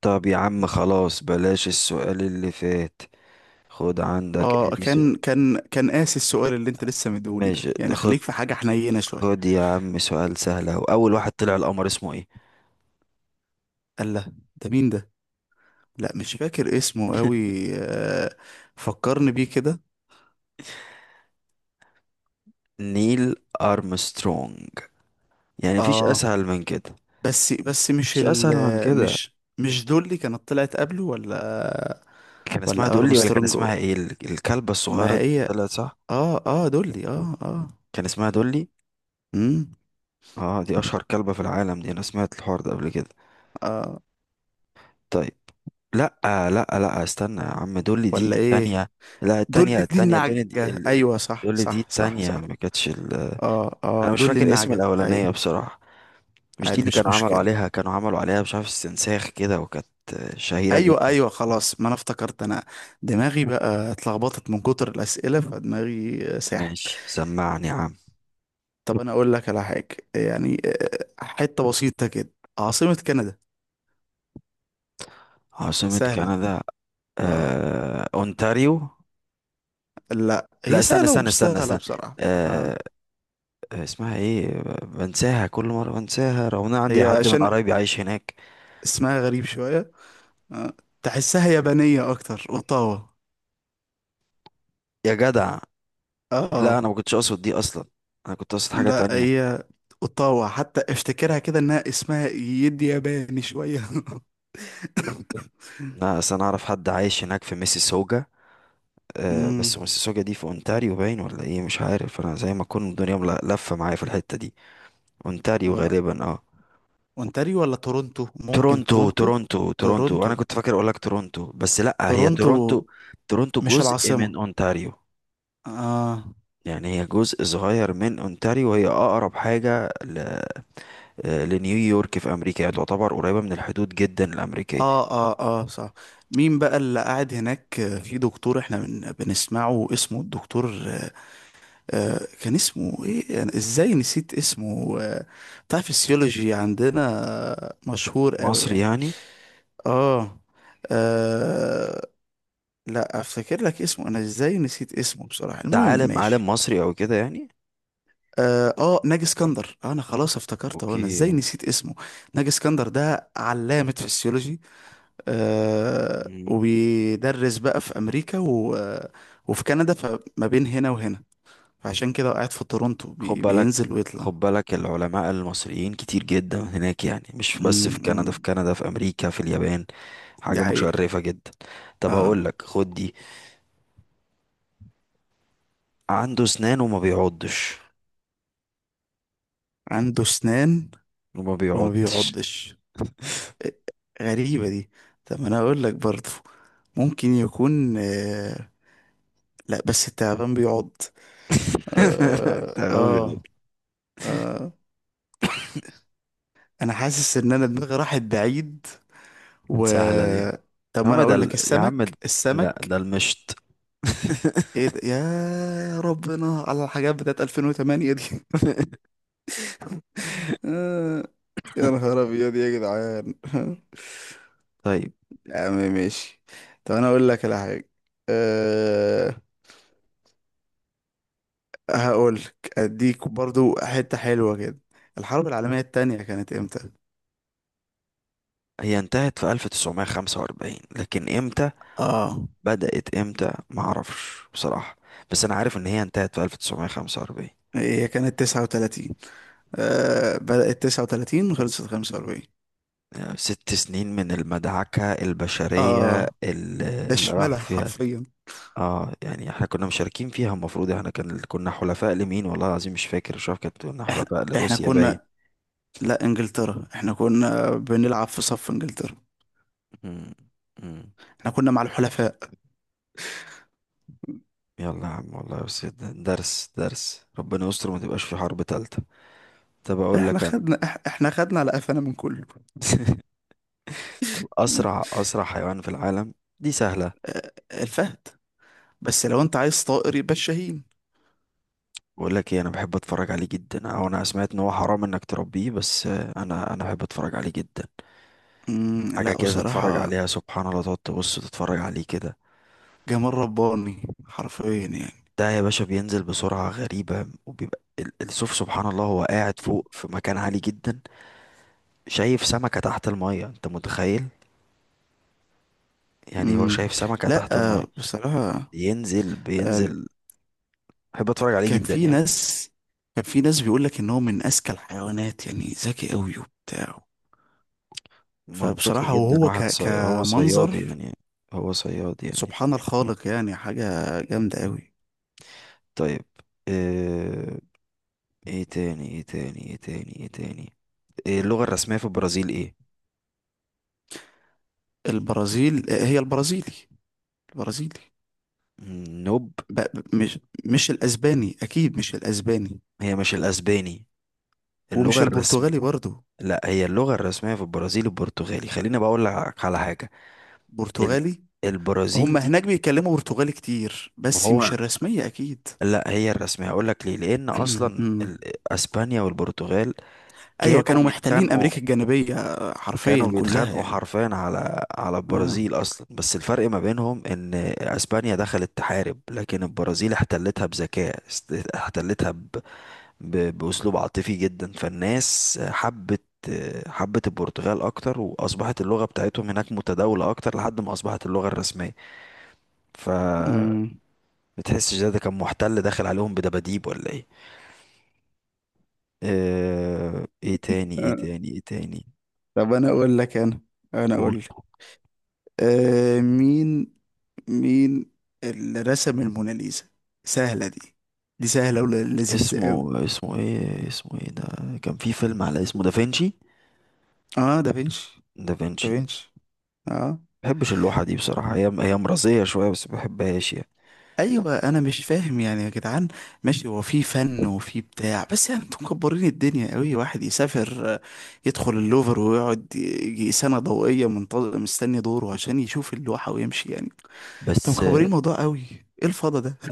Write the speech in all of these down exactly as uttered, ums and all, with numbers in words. طب يا عم خلاص بلاش السؤال اللي فات. خد عندك اه ادي سؤال. كان كان كان قاسي السؤال اللي انت لسه مديهولي ده، ماشي ده يعني خد. خليك في حاجة حنينة شوية. خد يا عم سؤال سهل اهو، اول واحد طلع القمر اسمه ايه؟ قال لا ده مين ده؟ لا، مش فاكر اسمه قوي. آه، فكرني بيه كده. نيل ارمسترونج. يعني مفيش اه، اسهل من كده. بس بس مش مفيش اسهل من ال كده. مش مش دول اللي كانت طلعت قبله، ولا؟ كان اسمها ولا دولي ولا كان ارمسترونج؟ اسمها ايه ال- الكلبة الصغيرة ما دي اللي هي. طلعت صح؟ اه اه، دولي، اه اه. كان اسمها دولي. امم اه دي اشهر كلبة في العالم، دي انا سمعت الحوار ده قبل كده. اه، طيب. لا لا. لا استنى يا عم، دول دي ولا ايه؟ التانية. لا التانية دولي دي التانية دول دي النعجة. ال... ال- ايوه صح دول دي صح صح التانية صح. ما كانتش ال... اه اه انا مش دولي فاكر اسم النعجة، ايوه. الاولانية بصراحة. مش دي عادي اللي مش كانوا عملوا مشكلة. عليها كانوا عملوا عليها مش عارف استنساخ كده، وكانت شهيرة ايوه جدا. ايوه خلاص، ما انا افتكرت انا. دماغي بقى اتلخبطت من كتر الاسئله، فدماغي ساحت. ماشي سمعني يا عم. طب انا اقول لك على حاجه يعني. آه، حته بسيطه كده. عاصمه كندا؟ عاصمة سهله. كندا؟ اه آه... اونتاريو. لا، لا هي استنى سهله استنى ومش استنى سهله استنى. بصراحه، اه. آه... اسمها ايه؟ بنساها كل مرة بنساها، رغم ان أنا عندي هي حد من عشان قرايبي عايش هناك. اسمها غريب شويه. آه. تحسها يابانيه اكتر، اوتاوا. يا جدع. لا اه انا ما كنتش اقصد دي اصلا. انا كنت اقصد حاجه لا تانية. هي. اوتاوا، حتى افتكرها كده انها اسمها يدي ياباني شويه. لا اصل انا اعرف حد عايش هناك في ميسيسوجا. أه بس امم. ميسيسوجا دي في اونتاريو باين، ولا ايه؟ مش عارف، انا زي ما اكون الدنيا مل- لفه معايا في الحته دي. اونتاريو غالبا اه. اونتاريو ولا تورونتو؟ ممكن تورونتو تورونتو. تورونتو تورونتو، تورونتو انا كنت فاكر اقول لك تورونتو، بس لا هي تورونتو تورونتو. تورونتو مش جزء العاصمة؟ من اونتاريو. آه يعني هي جزء صغير من اونتاريو، وهي اقرب حاجه ل... آه، لنيويورك في امريكا، يعني تعتبر قريبه من الحدود جدا الامريكيه. آه آه آه صح. مين بقى اللي قاعد هناك؟ آه، في دكتور احنا بن... بنسمعه، اسمه الدكتور آه آه، كان اسمه ايه؟ أنا ازاي نسيت اسمه آه بتاع فيسيولوجي عندنا. آه، مشهور قوي مصر يعني. يعني. آه. آه. لا، افتكر لك اسمه، انا ازاي نسيت اسمه بصراحة. ده المهم عالم عالم ماشي. مصري او كده يعني. اه، آه، ناجي اسكندر، انا خلاص افتكرت، هو انا اوكي. ازاي نسيت اسمه. ناجي اسكندر ده علامة فسيولوجي. آه مم. وبيدرس بقى في امريكا و... آه، وفي كندا، فما بين هنا وهنا. فعشان كده قاعد في تورونتو، خد بي... بالك. بينزل ويطلع. خد بالك العلماء المصريين كتير جدا هناك، يعني مش بس في كندا، امم. في كندا في امريكا، في اليابان. دي حاجة حقيقة. متشرفة جدا. طب اه، هقول لك خد دي. عنده اسنان وما بيعضش. عنده اسنان وما وما بيعضش. بيعضش. آه. غريبة دي. طب ما انا اقول لك برضه، ممكن يكون آه لا بس التعبان بيعض. اه تمام يا عم. اه. آه. انا حاسس ان انا دماغي راحت بعيد، و... سهلة دي. طب يا ما عم انا ده اقول لك، ال- يا عم السمك ده- لا السمك. ده المشط. ايه ده يا ربنا، على الحاجات بتاعت ألفين وثمانية دي. آه، يا نهار ابيض يا جدعان. طيب. يا عم ماشي. طب انا اقول لك على حاجه. أه... هقول لك اديك برضو حته حلوه كده. الحرب العالميه التانية كانت امتى؟ هي انتهت في ألف وتسعمائة وخمسة وأربعين، لكن امتى اه، بدأت؟ امتى ما اعرفش بصراحة، بس انا عارف ان هي انتهت في ألف وتسعمية وخمسة وأربعين. هي كانت تسعة وثلاثين. أه... بدأت تسعة وثلاثين وخلصت خمسة وأربعين. يعني ست سنين من المدعكة البشرية اه، اللي ده اللي راح شمالها فيها. حرفيا. اه. يعني احنا كنا مشاركين فيها، المفروض احنا كان كنا حلفاء لمين؟ والله العظيم مش فاكر، مش عارف، كانت كنا احنا حلفاء احنا لروسيا باين. كنا. لا، انجلترا، احنا كنا بنلعب في صف انجلترا. مم. مم. احنا كنا مع الحلفاء. يلا يا عم والله، بس ده- درس درس، ربنا يستر وما تبقاش في حرب تالتة. طب اقول احنا لك انا. خدنا إح- احنا خدنا على قفانا من كله. طب م. اسرع اسرع حيوان في العالم؟ دي سهلة. آه، الفهد. بس لو انت عايز طائر يبقى الشاهين. بقول لك ايه، انا بحب اتفرج عليه جدا، او انا سمعت ان هو حرام انك تربيه، بس آه، انا انا بحب اتفرج عليه جدا. مم، حاجه لا كده تتفرج بصراحة. عليها سبحان الله، تقعد تبص تتفرج عليه كده. جمال رباني حرفيا يعني. ده يا باشا بينزل بسرعه غريبه، وبيبقى ال- السوف سبحان الله، هو قاعد فوق في مكان عالي جدا. شايف سمكه تحت الميه، انت متخيل؟ يعني هو مم. شايف سمكه لا. تحت الميه. آه، بصراحة. ينزل آه. بينزل. بحب اتفرج عليه كان جدا في يعني. ناس. كان في ناس بيقول لك ان هو من اذكى الحيوانات، يعني ذكي قوي وبتاع. منطقي فبصراحة، جدا، وهو واحد ك... صي... هو صياد كمنظر. يعني. هو صياد يعني. سبحان الخالق، يعني حاجة جامدة قوي. طيب. آه، ايه تاني ايه تاني ايه تاني ايه تاني؟ إيه اللغة الرسمية في البرازيل ايه؟ البرازيل هي البرازيلي. البرازيلي. مم، نوب. ب... مش مش الأسباني أكيد، مش الأسباني. هي مش الاسباني. اللغة ومش الرسم البرتغالي برضو. لا هي اللغة الرسمية في البرازيل البرتغالي، خليني بقول لك على حاجة. ال... برتغالي. البرازيل هم دي. هناك بيتكلموا برتغالي كتير، ما بس مش هو. الرسمية أكيد. لا هي الرسمية، هقول لك ليه، لان اصلا أمم. ال... اسبانيا والبرتغال أيوة، كانوا كانوا محتلين بيتخانقوا. أمريكا الجنوبية كانوا حرفيا كلها بيتخانقوا يعني. حرفيا على على آه. البرازيل اصلا، بس الفرق ما بينهم ان اسبانيا دخلت تحارب، لكن البرازيل احتلتها بذكاء، است- احتلتها ب... ب- بأسلوب عاطفي جدا، فالناس حبت. حبت البرتغال أكتر، وأصبحت اللغة بتاعتهم هناك متداولة أكتر لحد ما أصبحت اللغة الرسمية. ف أمم. بتحسش ده؟ ده كان محتل داخل عليهم بدباديب ولا إيه؟ آه، إيه تاني إيه آه. تاني إيه تاني؟ طب أنا أقول لك أنا. أنا قول. أقول لك. آه مين. مين اللي رسم الموناليزا؟ سهلة دي. دي سهلة ولذيذة قوي. اسمه اسمه إيه؟ اسمه إيه ده؟ كان في فيلم على اسمه، دافنشي. اه دافنشي. دافنشي. دافنشي. اه. مبحبش اللوحة دي بصراحة، هي هي مرضية شوية بس مبحبهاش يعني. ايوه، انا مش فاهم يعني يا جدعان. ماشي، هو في فن وفي بتاع، بس يعني انتوا مكبرين الدنيا قوي. واحد يسافر، آه، يدخل اللوفر ويقعد يجي سنة ضوئية منتظر مستني دوره عشان يشوف اللوحة ويمشي يعني. انتوا بس مكبرين الموضوع قوي. ايه الفضا ده؟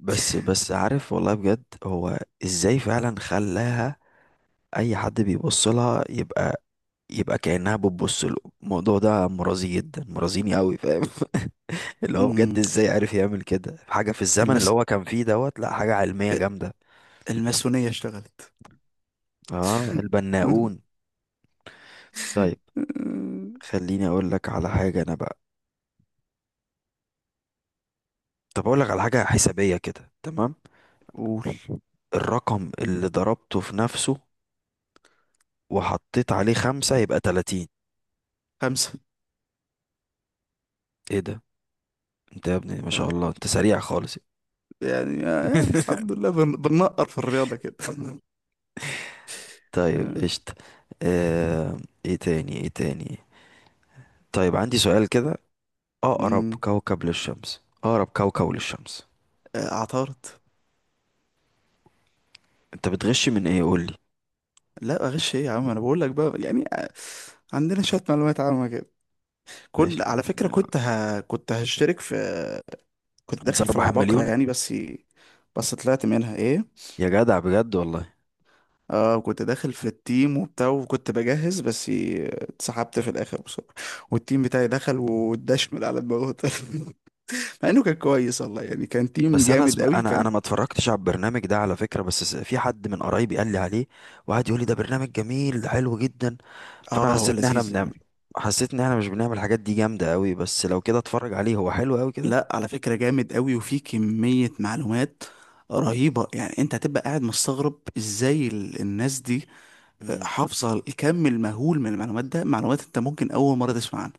بس بس عارف والله بجد، هو ازاي فعلا خلاها؟ اي حد بيبص لها يبقى، يبقى كأنها بتبص له. الموضوع ده مرازي جدا، مرازيني قوي فاهم. اللي هو بجد، مم، ازاي عارف يعمل كده حاجة في الزمن اللي المس هو كان فيه دوت، لا حاجة علمية جامدة. الماسونية اشتغلت. اه البناؤون. طيب. خليني اقول لك على حاجة انا بقى. طب اقول لك على حاجة حسابية كده تمام. قول. الرقم اللي ضربته في نفسه وحطيت عليه خمسة يبقى ثلاثين. خمسة. ايه ده؟ انت يا ابني ما شاء الله انت سريع خالص. يعني, يعني الحمد لله، بن... بننقر في الرياضة كده. طيب آه. قشطة. آه، ايه تاني ايه تاني؟ طيب عندي سؤال كده. اقرب أمم. كوكب للشمس، اقرب كوكب للشمس. آه، اعترض. انت بتغش من ايه قول لي؟ لا، اغش ايه يا عم، انا بقول لك بقى يعني. آه، عندنا شوية معلومات عامة كده. كنت ماشي يا عم على فكرة، والله انا. كنت ه... كنت هشترك في. كنت داخل انسان في أربعة العباقرة مليون. يعني، بس. بس طلعت منها ايه. يا جدع بجد والله. اه، كنت داخل في التيم وبتاع وكنت بجهز، بس اتسحبت في الاخر بصراحة. والتيم بتاعي دخل واتدشمل على دماغه. مع انه كان كويس والله يعني، كان تيم بس انا جامد اسم... قوي انا كان. انا ما اتفرجتش على البرنامج ده على فكرة، بس س- في حد من قرايبي قال لي عليه، وقعد يقول لي ده برنامج جميل، ده حلو جدا. فانا اه هو حسيت ان احنا لذيذ. بنعمل، حسيت ان احنا مش بنعمل الحاجات دي جامدة قوي، بس لو كده اتفرج عليه هو حلو قوي كده. لا على فكرة جامد قوي، وفي كمية معلومات رهيبة يعني. انت هتبقى قاعد مستغرب ازاي ال- الناس دي آه، مم. حافظة الكم المهول من المعلومات. ده معلومات انت ممكن اول مرة تسمع عنها.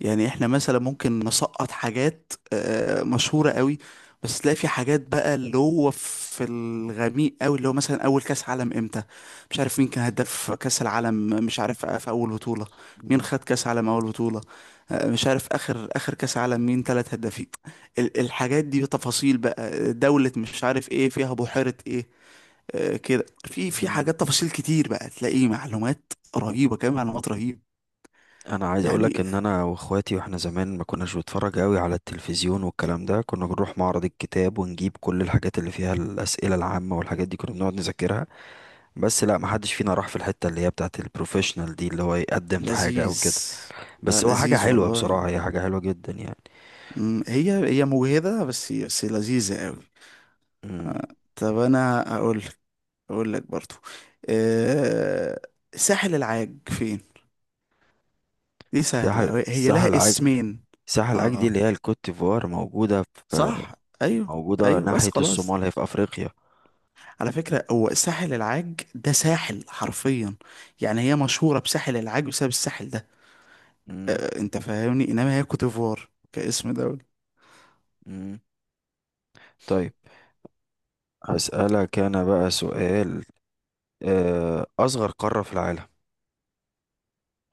يعني احنا مثلا ممكن نسقط حاجات آه، مشهورة قوي، بس تلاقي في حاجات بقى اللي هو في الغميق قوي، اللي هو مثلا اول كاس عالم امتى، مش عارف مين كان هداف كاس العالم، مش عارف في اول بطولة مين مم. خد كاس عالم اول بطولة. آه، مش عارف اخر اخر كاس عالم مين ثلاث هدافين. ال- الحاجات دي تفاصيل بقى، دولة مش عارف ايه فيها، بحيرة ايه. آه، كده، في في مم. حاجات تفاصيل كتير بقى، تلاقي معلومات رهيبة، كمان معلومات رهيبة انا عايز اقولك يعني. ان انا واخواتي واحنا زمان ما كناش بنتفرج قوي على التلفزيون والكلام ده، كنا بنروح معرض الكتاب ونجيب كل الحاجات اللي فيها الاسئله العامه والحاجات دي، كنا بنقعد نذاكرها. بس لا، ما حدش فينا راح في الحته اللي هي بتاعه البروفيشنال دي، اللي هو يقدم في حاجه او لذيذ. كده. لا بس هو حاجه لذيذ حلوه والله. بصراحه، هي حاجه حلوه جدا يعني. مم، هي هي مجهدة، بس بس لذيذة قوي. امم. آه. طب انا اقول لك. اقول لك برضو. أه ساحل العاج فين؟ دي ساحل سهلة، هي ساحل لها عاج. اسمين. ساحل عاج دي اه، اللي هي الكوت ديفوار، موجوده في، صح. ايوه موجوده ايوه. بس ناحيه خلاص، الصومال، هي في افريقيا. على فكرة هو ساحل العاج ده ساحل حرفيا. يعني هي مشهورة بساحل العاج بسبب الساحل ده. امم. أه، انت فاهمني، انما هي كوت ديفوار كاسم دولة. امم. طيب. هسألك أنا بقى سؤال. آه، اصغر قارة في العالم؟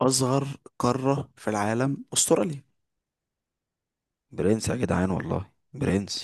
أصغر قارة في العالم أستراليا. برنس يا جدعان والله برنس.